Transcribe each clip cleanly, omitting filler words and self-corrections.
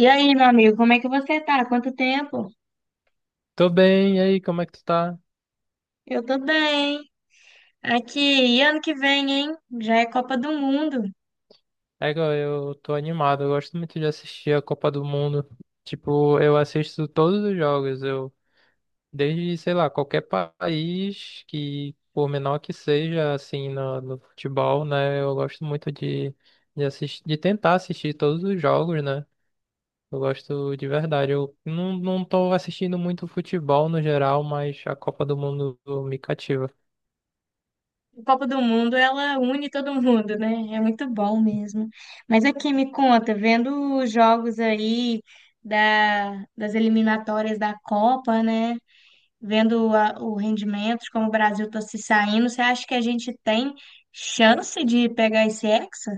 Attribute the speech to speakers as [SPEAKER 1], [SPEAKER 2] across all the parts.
[SPEAKER 1] E aí, meu amigo, como é que você tá? Quanto tempo?
[SPEAKER 2] Tô bem, e aí, como é que tu tá?
[SPEAKER 1] Eu tô bem. Aqui, e ano que vem, hein? Já é Copa do Mundo.
[SPEAKER 2] É, eu tô animado, eu gosto muito de assistir a Copa do Mundo. Tipo, eu assisto todos os jogos, eu, desde, sei lá, país que, por menor que seja, assim, no futebol, né, eu gosto muito de assistir, de tentar assistir todos os jogos, né? Eu gosto de verdade. Eu não, não tô assistindo muito futebol no geral, mas a Copa do Mundo me cativa.
[SPEAKER 1] A Copa do Mundo, ela une todo mundo, né? É muito bom mesmo. Mas aqui, me conta, vendo os jogos aí das eliminatórias da Copa, né? Vendo o rendimento, de como o Brasil tá se saindo, você acha que a gente tem chance de pegar esse Hexa?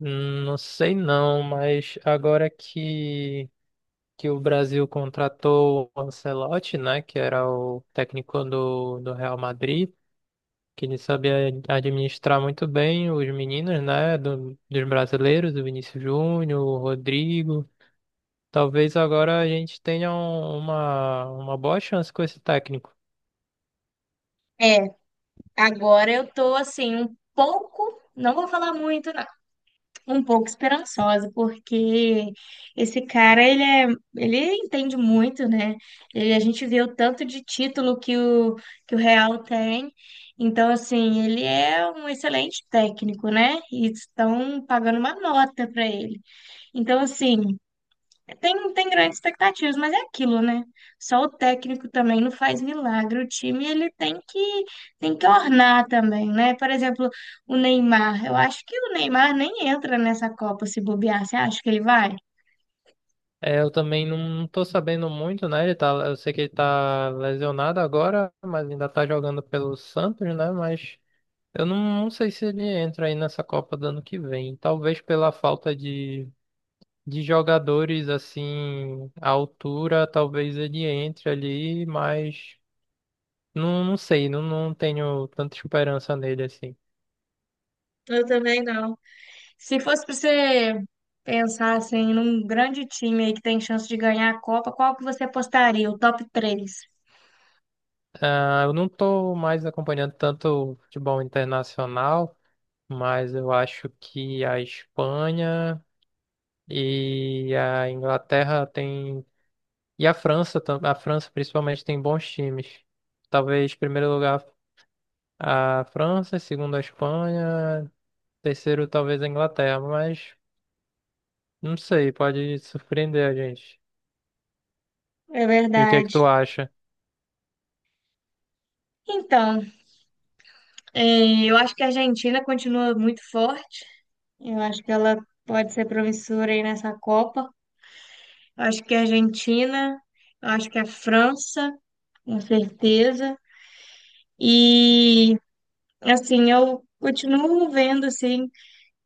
[SPEAKER 2] Não sei não, mas agora que o Brasil contratou o Ancelotti, né, que era o técnico do Real Madrid, que ele sabia administrar muito bem os meninos, né, dos brasileiros, o Vinícius Júnior, o Rodrigo. Talvez agora a gente tenha uma boa chance com esse técnico.
[SPEAKER 1] É, agora eu tô assim, um pouco. Não vou falar muito, não. Um pouco esperançosa, porque esse cara, ele entende muito, né? Ele, a gente vê o tanto de título que o Real tem. Então, assim, ele é um excelente técnico, né? E estão pagando uma nota para ele. Então, assim, tem grandes expectativas, mas é aquilo, né? Só o técnico também não faz milagre. O time ele tem que ornar também, né? Por exemplo, o Neymar. Eu acho que o Neymar nem entra nessa Copa se bobear. Você acha que ele vai?
[SPEAKER 2] É, eu também não tô sabendo muito, né? Ele tá, eu sei que ele tá lesionado agora, mas ainda tá jogando pelo Santos, né? Mas eu não, não sei se ele entra aí nessa Copa do ano que vem. Talvez pela falta de jogadores assim à altura, talvez ele entre ali, mas não sei, não tenho tanta esperança nele assim.
[SPEAKER 1] Eu também não. Se fosse para você pensar assim, num grande time aí que tem chance de ganhar a Copa, qual que você apostaria? O top três.
[SPEAKER 2] Ah, eu não tô mais acompanhando tanto o futebol internacional, mas eu acho que a Espanha e a Inglaterra têm. E a França, a França principalmente tem bons times. Talvez, em primeiro lugar. A França, segundo a Espanha, terceiro talvez a Inglaterra, mas não sei, pode surpreender a gente.
[SPEAKER 1] É
[SPEAKER 2] E o que é que
[SPEAKER 1] verdade.
[SPEAKER 2] tu acha?
[SPEAKER 1] Então, eu acho que a Argentina continua muito forte. Eu acho que ela pode ser promissora aí nessa Copa. Eu acho que a Argentina, eu acho que a França, com certeza. E assim, eu continuo vendo assim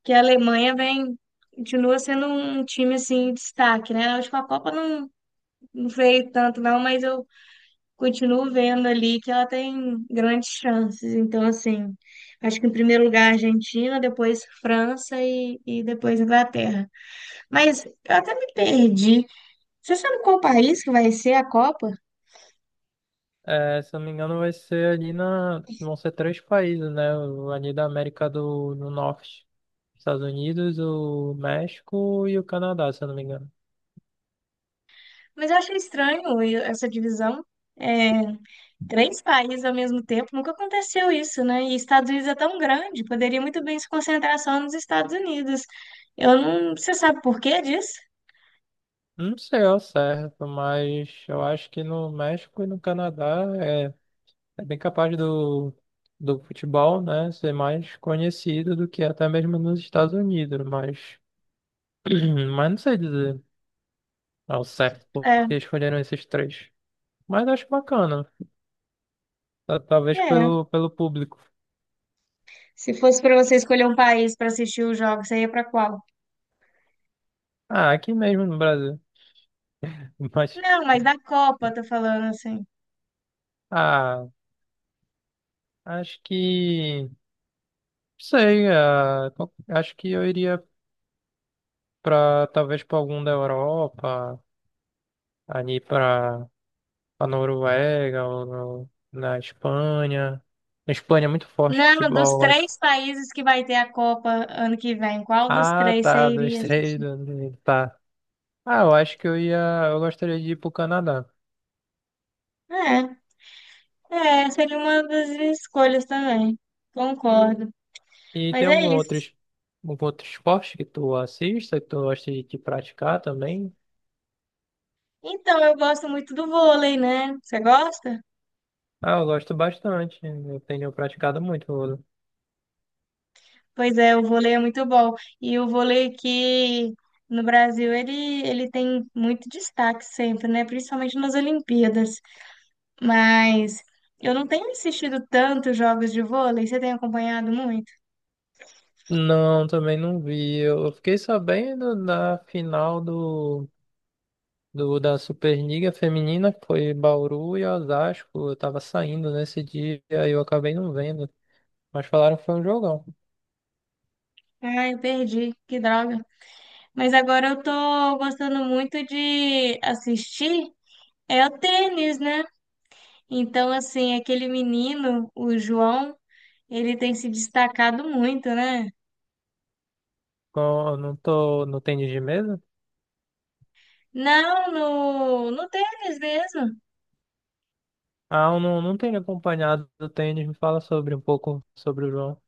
[SPEAKER 1] que a Alemanha vem continua sendo um time assim em destaque, né? Na última Copa não, não veio tanto não, mas eu continuo vendo ali que ela tem grandes chances. Então, assim, acho que em primeiro lugar a Argentina, depois França e depois Inglaterra. Mas eu até me perdi. Você sabe qual país que vai ser a Copa?
[SPEAKER 2] É, se eu não me engano, vai ser ali na. Vão ser três países, né? O- ali da América do Norte. Estados Unidos, o México e o Canadá, se eu não me engano.
[SPEAKER 1] Mas eu achei estranho essa divisão. É, três países ao mesmo tempo, nunca aconteceu isso, né? E Estados Unidos é tão grande, poderia muito bem se concentrar só nos Estados Unidos. Eu não, você sabe por que disso?
[SPEAKER 2] Não sei ao certo, mas eu acho que no México e no Canadá é é bem capaz do futebol, né, ser mais conhecido do que até mesmo nos Estados Unidos, mas, mas não sei dizer ao certo por
[SPEAKER 1] É,
[SPEAKER 2] que escolheram esses três. Mas acho bacana, talvez
[SPEAKER 1] é.
[SPEAKER 2] pelo público.
[SPEAKER 1] Se fosse para você escolher um país para assistir os jogos, você ia para qual?
[SPEAKER 2] Ah, aqui mesmo no Brasil. Mas,
[SPEAKER 1] Não, mas da Copa, eu tô falando assim.
[SPEAKER 2] ah, acho que, não sei, ah, acho que eu iria para talvez para algum da Europa, ali para a Noruega, ou na Espanha. Na Espanha é muito forte o
[SPEAKER 1] Não, dos
[SPEAKER 2] futebol, eu acho.
[SPEAKER 1] três países que vai ter a Copa ano que vem, qual dos
[SPEAKER 2] Ah,
[SPEAKER 1] três você
[SPEAKER 2] tá, dois,
[SPEAKER 1] iria
[SPEAKER 2] três,
[SPEAKER 1] assistir?
[SPEAKER 2] dois, três, tá. Ah, eu acho que eu ia, eu gostaria de ir pro Canadá.
[SPEAKER 1] É, é, seria uma das escolhas também. Concordo.
[SPEAKER 2] E
[SPEAKER 1] Mas
[SPEAKER 2] tem
[SPEAKER 1] é
[SPEAKER 2] algum outro,
[SPEAKER 1] isso.
[SPEAKER 2] algum outro esporte que tu assista, que tu gosta de praticar também?
[SPEAKER 1] Então, eu gosto muito do vôlei, né? Você gosta?
[SPEAKER 2] Ah, eu gosto bastante, né? Eu tenho praticado muito. Vôlei.
[SPEAKER 1] Pois é, o vôlei é muito bom. E o vôlei aqui no Brasil, ele tem muito destaque sempre, né? Principalmente nas Olimpíadas. Mas eu não tenho assistido tantos jogos de vôlei. Você tem acompanhado muito?
[SPEAKER 2] Não, também não vi. Eu fiquei sabendo da final do do, da Superliga Feminina, que foi Bauru e Osasco. Eu tava saindo nesse dia e eu acabei não vendo. Mas falaram que foi um jogão.
[SPEAKER 1] Ai, eu perdi. Que droga. Mas agora eu tô gostando muito de assistir. É o tênis, né? Então, assim, aquele menino, o João, ele tem se destacado muito, né?
[SPEAKER 2] Eu não tô no tênis de mesa?
[SPEAKER 1] Não, no tênis mesmo.
[SPEAKER 2] Ah, eu não, não tenho acompanhado o tênis. Me fala sobre um pouco sobre o João.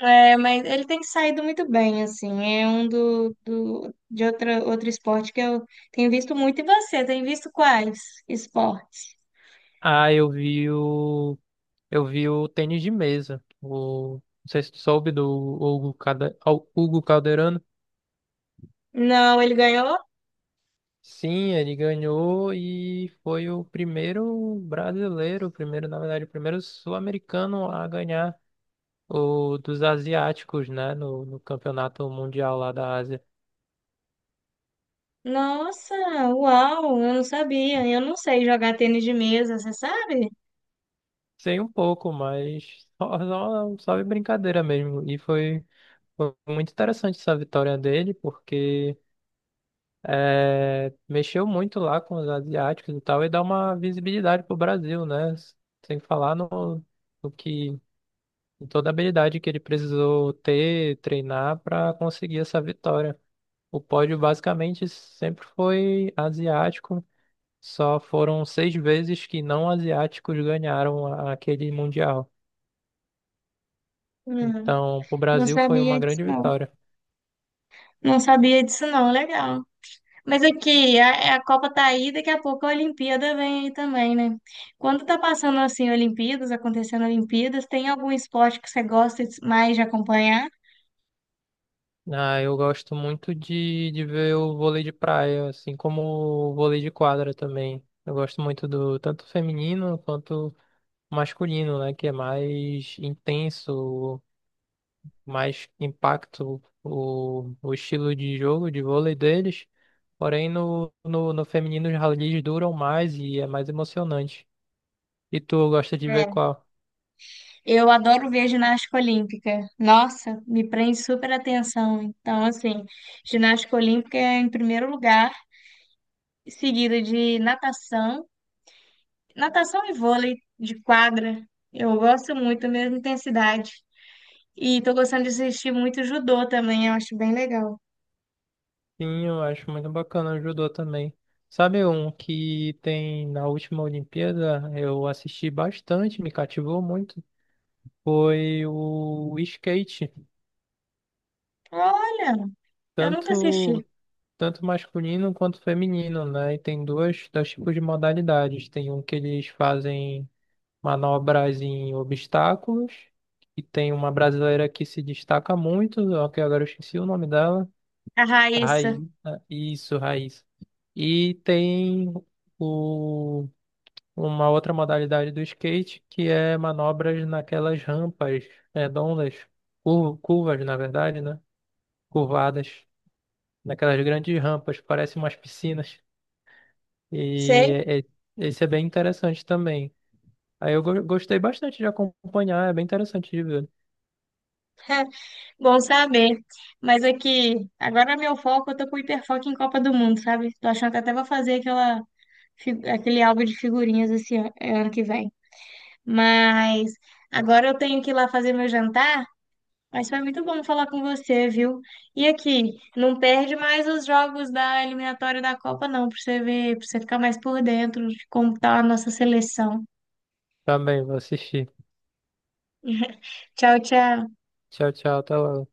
[SPEAKER 1] É, mas ele tem saído muito bem, assim. É um de outro esporte que eu tenho visto muito. E você, tem visto quais esportes?
[SPEAKER 2] Ah, eu vi o. Eu vi o tênis de mesa. O, não sei se tu soube do Hugo, Cade, Hugo Calderano.
[SPEAKER 1] Não, ele ganhou?
[SPEAKER 2] Sim, ele ganhou e foi o primeiro brasileiro, o primeiro, na verdade, o primeiro sul-americano a ganhar o dos asiáticos, né, no campeonato mundial lá da Ásia.
[SPEAKER 1] Nossa, uau, eu não sabia. Eu não sei jogar tênis de mesa, você sabe?
[SPEAKER 2] Sei um pouco, mas só de brincadeira mesmo. E foi, foi muito interessante essa vitória dele, porque é, mexeu muito lá com os asiáticos e tal, e dá uma visibilidade pro Brasil, né? Sem falar no, no que toda a habilidade que ele precisou ter, treinar para conseguir essa vitória. O pódio basicamente sempre foi asiático, só foram 6 vezes que não asiáticos ganharam aquele mundial.
[SPEAKER 1] Não,
[SPEAKER 2] Então, para o
[SPEAKER 1] não
[SPEAKER 2] Brasil foi uma
[SPEAKER 1] sabia disso,
[SPEAKER 2] grande
[SPEAKER 1] não.
[SPEAKER 2] vitória.
[SPEAKER 1] Não sabia disso, não. Legal. Mas aqui, a Copa tá aí, daqui a pouco a Olimpíada vem aí também, né? Quando tá passando assim, Olimpíadas, acontecendo Olimpíadas, tem algum esporte que você mais de acompanhar?
[SPEAKER 2] Ah, eu gosto muito de ver o vôlei de praia, assim como o vôlei de quadra também. Eu gosto muito do tanto feminino quanto masculino, né, que é mais intenso, mais impacto o estilo de jogo de vôlei deles. Porém, no feminino, os rallies duram mais e é mais emocionante. E tu gosta de ver
[SPEAKER 1] É.
[SPEAKER 2] qual?
[SPEAKER 1] Eu adoro ver ginástica olímpica. Nossa, me prende super atenção. Então, assim, ginástica olímpica é em primeiro lugar, seguida de natação, natação e vôlei de quadra. Eu gosto muito, a mesma intensidade. E tô gostando de assistir muito judô também, eu acho bem legal.
[SPEAKER 2] Sim, eu acho muito bacana o judô também. Sabe um que tem na última Olimpíada? Eu assisti bastante, me cativou muito. Foi o skate,
[SPEAKER 1] Olha, eu nunca
[SPEAKER 2] tanto,
[SPEAKER 1] assisti
[SPEAKER 2] tanto masculino quanto feminino, né? E tem dois, dois tipos de modalidades. Tem um que eles fazem manobras em obstáculos. E tem uma brasileira que se destaca muito, ó, que agora eu esqueci o nome dela.
[SPEAKER 1] a
[SPEAKER 2] A
[SPEAKER 1] Raíssa.
[SPEAKER 2] Raíssa. Isso, Raíssa. E tem o, uma outra modalidade do skate que é manobras naquelas rampas redondas, curvas, na verdade, né? Curvadas, naquelas grandes rampas, parecem umas piscinas. E
[SPEAKER 1] Sei,
[SPEAKER 2] é- é- Esse é bem interessante também. Aí eu gostei bastante de acompanhar, é bem interessante de ver.
[SPEAKER 1] bom saber. Mas aqui, agora meu foco, eu tô com hiperfoco em Copa do Mundo, sabe? Tô achando que até vou fazer aquela, aquele álbum de figurinhas esse ano, ano que vem. Mas agora eu tenho que ir lá fazer meu jantar. Mas foi muito bom falar com você, viu? E aqui, não perde mais os jogos da eliminatória da Copa, não, pra você ver, pra você ficar mais por dentro de como tá a nossa seleção.
[SPEAKER 2] Também vou assistir.
[SPEAKER 1] Tchau, tchau.
[SPEAKER 2] Tchau, tchau, até logo.